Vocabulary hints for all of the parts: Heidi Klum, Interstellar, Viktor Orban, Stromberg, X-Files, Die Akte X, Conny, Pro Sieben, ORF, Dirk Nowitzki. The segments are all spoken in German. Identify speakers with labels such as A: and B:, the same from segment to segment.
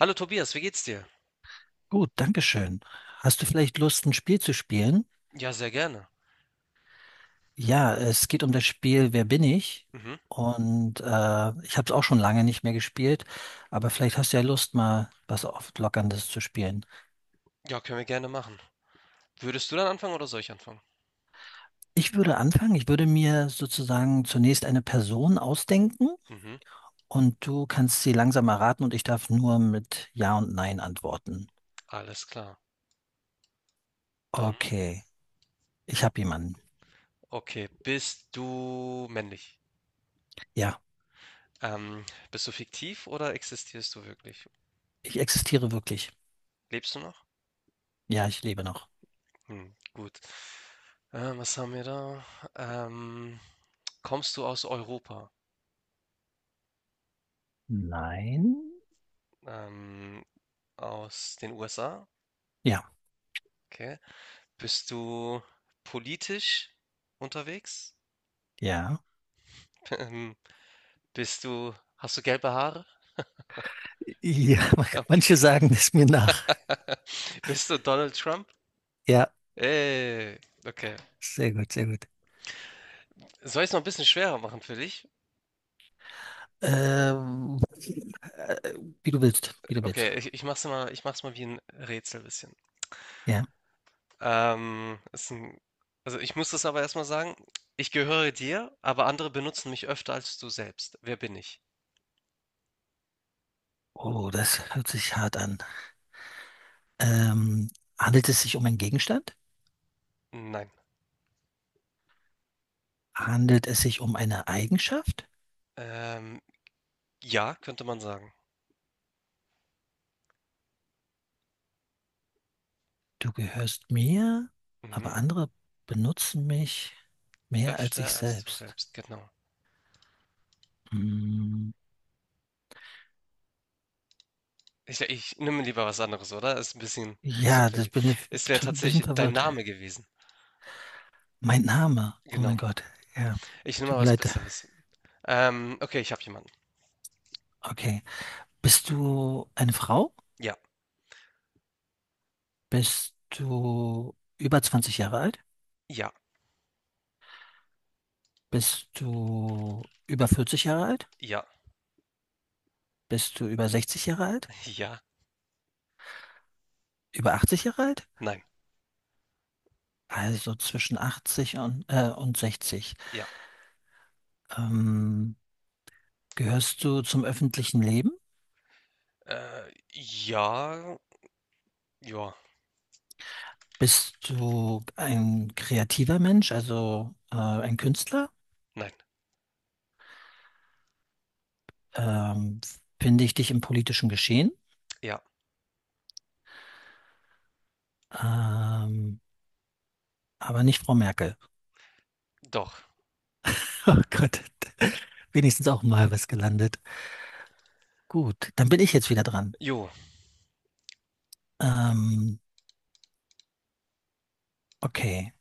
A: Hallo Tobias, wie geht's dir?
B: Gut, Dankeschön. Hast du vielleicht Lust, ein Spiel zu spielen?
A: Ja, sehr gerne.
B: Ja, es geht um das Spiel Wer bin ich?
A: Mhm.
B: Und äh, Ich habe es auch schon lange nicht mehr gespielt, aber vielleicht hast du ja Lust, mal was Auflockerndes zu spielen.
A: Ja, können wir gerne machen. Würdest du dann anfangen oder soll ich anfangen?
B: Ich würde anfangen. Ich würde mir sozusagen zunächst eine Person ausdenken
A: Mhm.
B: und du kannst sie langsam erraten und ich darf nur mit Ja und Nein antworten.
A: Alles klar. Dann.
B: Okay, ich habe jemanden.
A: Okay, bist du männlich?
B: Ja,
A: Ähm, bist du fiktiv oder existierst du wirklich?
B: ich existiere wirklich.
A: Lebst du noch?
B: Ja, ich lebe noch.
A: Hm, gut. Was haben wir da? Ähm, kommst du aus Europa?
B: Nein?
A: Ähm, aus den USA?
B: Ja,
A: Okay. Bist du politisch unterwegs?
B: ja.
A: Ähm, hast du gelbe Haare?
B: Ja,
A: Okay.
B: manche sagen es mir nach.
A: Bist du Donald Trump?
B: Ja,
A: Ey, okay.
B: sehr gut, sehr gut.
A: Soll ich es noch ein bisschen schwerer machen für dich?
B: Ähm, Wie du willst, wie du willst.
A: Okay, ich mach's mal wie ein Rätsel bisschen.
B: Ja.
A: Ähm, ist ein, also ich muss das aber erstmal sagen. Ich gehöre dir, aber andere benutzen mich öfter als du selbst. Wer bin ich?
B: Oh, das hört sich hart an. Ähm, Handelt es sich um einen Gegenstand?
A: Nein.
B: Handelt es sich um eine Eigenschaft?
A: Ähm, ja, könnte man sagen.
B: Du gehörst mir, aber
A: Mhm.
B: andere benutzen mich mehr als ich
A: Öfter als du
B: selbst.
A: selbst, genau.
B: Hm,
A: Ich nehme lieber was anderes, oder? Ist ein bisschen zu
B: ja, das
A: knifflig.
B: bin ich
A: Es wäre
B: ein bisschen
A: tatsächlich dein
B: verwirrt.
A: Name gewesen.
B: Mein Name, oh
A: Genau.
B: mein Gott. Ja,
A: Ich nehme mal
B: tut mir
A: was
B: leid.
A: Besseres. Okay, ich habe jemanden.
B: Okay. Bist du eine Frau?
A: Ja,
B: Bist du über 20 Jahre alt?
A: ja,
B: Bist du über 40 Jahre alt?
A: ja,
B: Bist du über 60 Jahre alt?
A: ja,
B: Über 80 Jahre alt?
A: nein,
B: Also zwischen 80 und 60.
A: ja.
B: Ähm, Gehörst du zum öffentlichen Leben?
A: Ja, ja,
B: Bist du ein kreativer Mensch, also ein Künstler?
A: nein,
B: Ähm, Finde ich dich im politischen Geschehen?
A: ja,
B: Ähm, aber nicht Frau Merkel.
A: doch.
B: Oh Gott, wenigstens auch mal was gelandet. Gut, dann bin ich jetzt wieder dran.
A: Jo,
B: Ähm, okay,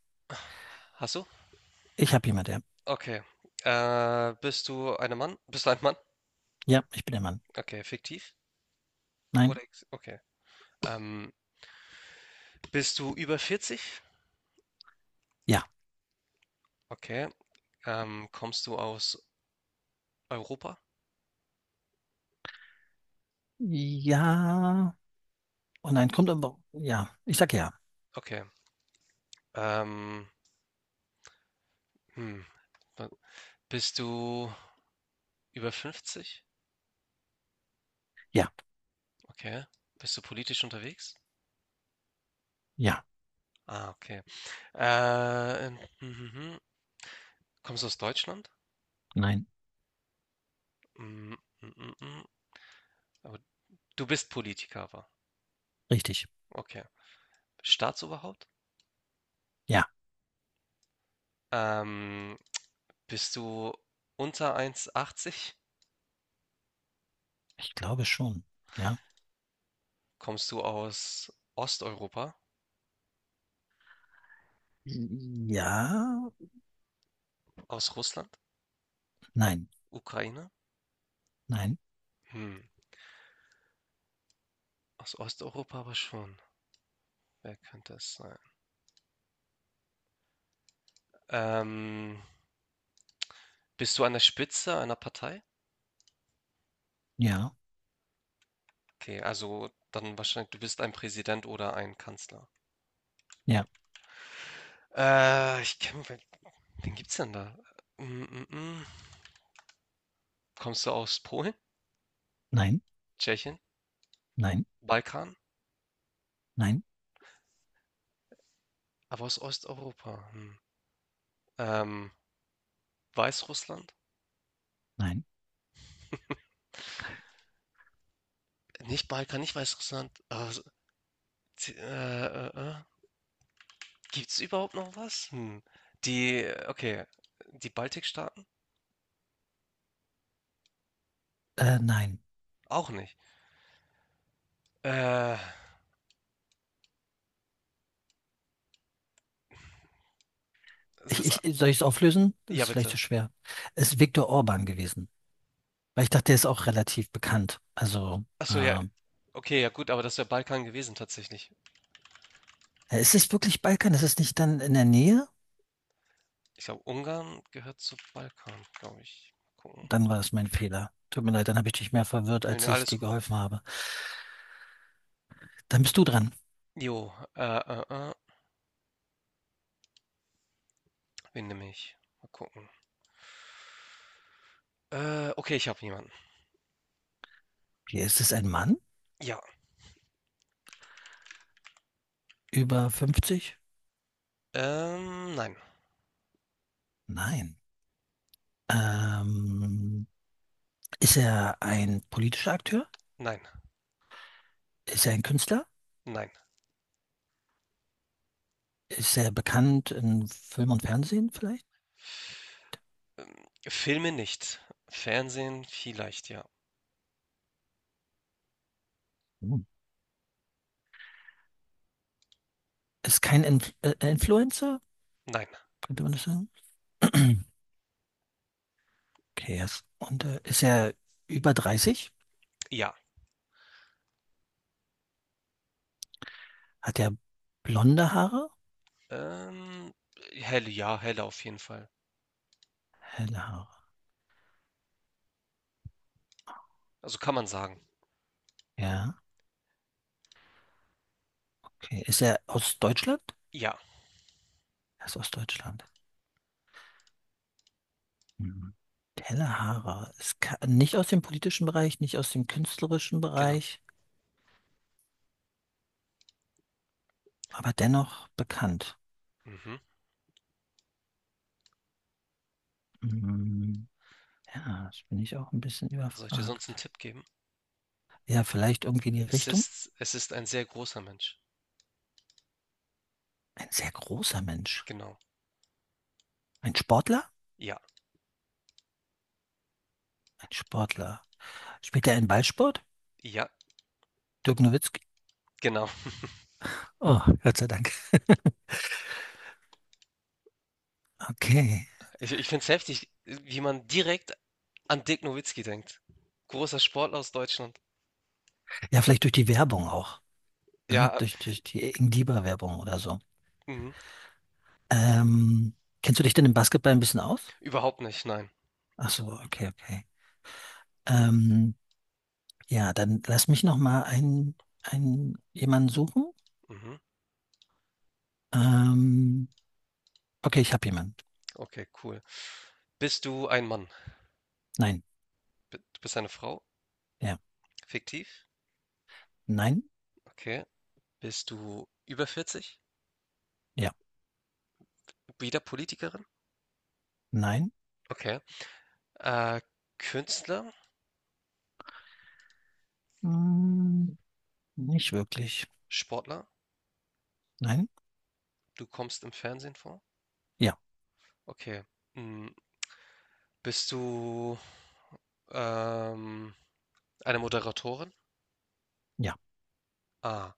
A: hast du?
B: ich habe jemand, ja.
A: Okay. Bist du ein Mann? Bist du ein Mann?
B: Ja, ich bin der Mann.
A: Okay, fiktiv?
B: Nein,
A: Okay. Ähm, bist du über 40?
B: ja.
A: Okay. Kommst du aus Europa?
B: Ja. Oh nein, kommt aber. Ja, ich sag ja.
A: Okay. Ähm, hm. Wa- Bist du über 50?
B: Ja,
A: Okay. Bist du politisch unterwegs?
B: ja,
A: Ah, okay. Äh, mhm, mhm, kommst du aus Deutschland?
B: nein,
A: Mm, mm, mm, mm. Aber du bist Politiker, aber.
B: richtig.
A: Okay. Staatsoberhaupt?
B: Ja,
A: Ähm, bist du unter 1,80?
B: ich glaube schon. Ja.
A: Kommst du aus Osteuropa?
B: Ja,
A: Aus Russland?
B: nein,
A: Ukraine?
B: nein,
A: Hm, aus Osteuropa aber schon. Wer könnte es sein? Ähm, bist du an der Spitze einer Partei?
B: ja,
A: Okay, also dann wahrscheinlich, du bist ein Präsident oder ein Kanzler.
B: ja,
A: Ich kenne Wen gibt's denn da? Hm, hm, hm. Kommst du aus Polen,
B: nein,
A: Tschechien,
B: nein,
A: Balkan,
B: nein,
A: aber aus Osteuropa? Hm. Ähm, Weißrussland?
B: nein,
A: Nicht Balkan, nicht Weißrussland. Z- äh, äh, äh. Gibt's überhaupt noch was? Hm. Die, okay, die Baltikstaaten?
B: nein.
A: Auch nicht. Äh, sowas, a-
B: Soll ich es auflösen? Das
A: ja
B: ist vielleicht zu
A: bitte.
B: schwer. Es ist Viktor Orban gewesen, weil ich dachte, der ist auch relativ bekannt. Also,
A: Achso, ja, okay, ja gut, aber das wäre Balkan gewesen tatsächlich.
B: Ist es wirklich Balkan? Ist es nicht dann in der Nähe?
A: Ich glaube, Ungarn gehört zu Balkan, glaube ich. Gucken.
B: Dann war es mein Fehler. Tut mir leid, dann habe ich dich mehr verwirrt,
A: Nö, nö,
B: als ich
A: alles
B: dir
A: gut.
B: geholfen habe. Dann bist du dran.
A: Jo, Wen nehme ich? Mal gucken. Okay, ich habe jemanden.
B: Hier, ist es ein Mann?
A: Ja.
B: Über 50?
A: Nein.
B: Nein. Ähm, Ist er ein politischer Akteur?
A: Nein.
B: Ist er ein Künstler?
A: Nein.
B: Ist er bekannt in Film und Fernsehen vielleicht?
A: Filme nicht. Fernsehen vielleicht, ja.
B: Hm. Ist kein Inf Influencer,
A: Nein.
B: könnte man das sagen? Okay, yes. Und ist er über 30?
A: Ja.
B: Hat er blonde Haare?
A: Ähm, helle, ja, helle auf jeden Fall.
B: Helle Haare.
A: Also kann man sagen.
B: Ja. Okay. Ist er aus Deutschland?
A: Ja,
B: Er ist aus Deutschland. Hm. Tellerhaarer ist ka- nicht aus dem politischen Bereich, nicht aus dem künstlerischen
A: genau.
B: Bereich, aber dennoch bekannt.
A: Mhm.
B: Hm. Ja, das bin ich auch ein bisschen
A: Soll ich dir sonst einen
B: überfragt.
A: Tipp geben?
B: Ja, vielleicht irgendwie in die
A: Es
B: Richtung?
A: ist, es ist ein sehr großer Mensch.
B: Ein sehr großer Mensch.
A: Genau.
B: Ein Sportler?
A: Ja.
B: Ein Sportler. Spielt er einen Ballsport?
A: Ja,
B: Dirk Nowitzki?
A: genau.
B: Oh, Gott sei Dank. Okay.
A: Ich finde es heftig, wie man direkt an Dirk Nowitzki denkt. Großer Sportler aus Deutschland.
B: Ja, vielleicht durch die Werbung auch. Ne?
A: Ja,
B: Durch die Ingliba-Werbung oder so.
A: mhm.
B: Ähm, Kennst du dich denn im Basketball ein bisschen aus?
A: Überhaupt nicht, nein.
B: Ach so, okay, okay. Ähm, ja, dann lass mich noch mal einen jemanden suchen.
A: Mhm.
B: Ähm, okay, ich habe jemanden.
A: Okay, cool. Bist du ein Mann?
B: Nein,
A: Du bist eine Frau?
B: ja,
A: Fiktiv?
B: nein,
A: Okay. Bist du über 40?
B: ja,
A: Wieder Politikerin?
B: nein,
A: Okay. Äh, Künstler?
B: hm, nicht wirklich.
A: Sportler?
B: Nein,
A: Du kommst im Fernsehen vor?
B: ja,
A: Okay. Mm, Bist du ähm, eine Moderatorin?
B: ja,
A: Ah.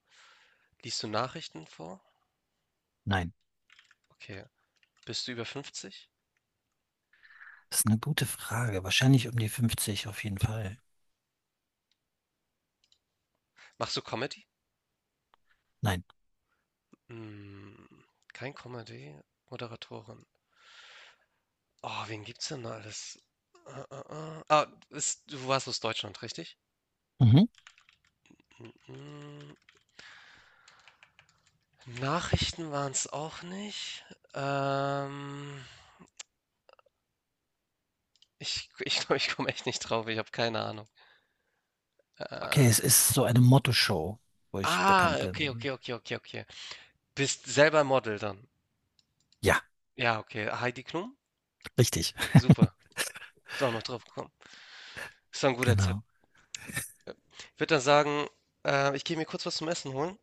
A: Liest du Nachrichten vor?
B: nein.
A: Okay. Bist du über fünfzig?
B: Das ist eine gute Frage. Wahrscheinlich um die 50 auf jeden Fall.
A: Machst du Comedy?
B: Nein.
A: Mm, Kein Comedy. Moderatorin. Oh, wen gibt's denn da alles? Ah, du warst aus Deutschland, richtig?
B: Mhm.
A: Mhm. Nachrichten waren's auch nicht. Ähm, ich glaube, ich komme echt nicht drauf. Ich habe keine Ahnung.
B: Okay,
A: Äh,
B: es ist so eine Motto-Show, wo ich
A: ah,
B: bekannt
A: okay, okay,
B: bin.
A: okay, okay, okay. Bist selber Model dann.
B: Ja,
A: Ja, okay. Heidi Klum?
B: richtig.
A: Super. Ist auch noch drauf gekommen. Ist doch ein guter Tipp.
B: Genau.
A: Ich würde dann sagen, ich gehe mir kurz was zum Essen holen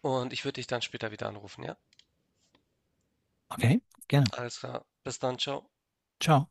A: und ich würde dich dann später wieder anrufen, ja?
B: Okay, gerne.
A: Alles klar. Bis dann, ciao.
B: Ciao.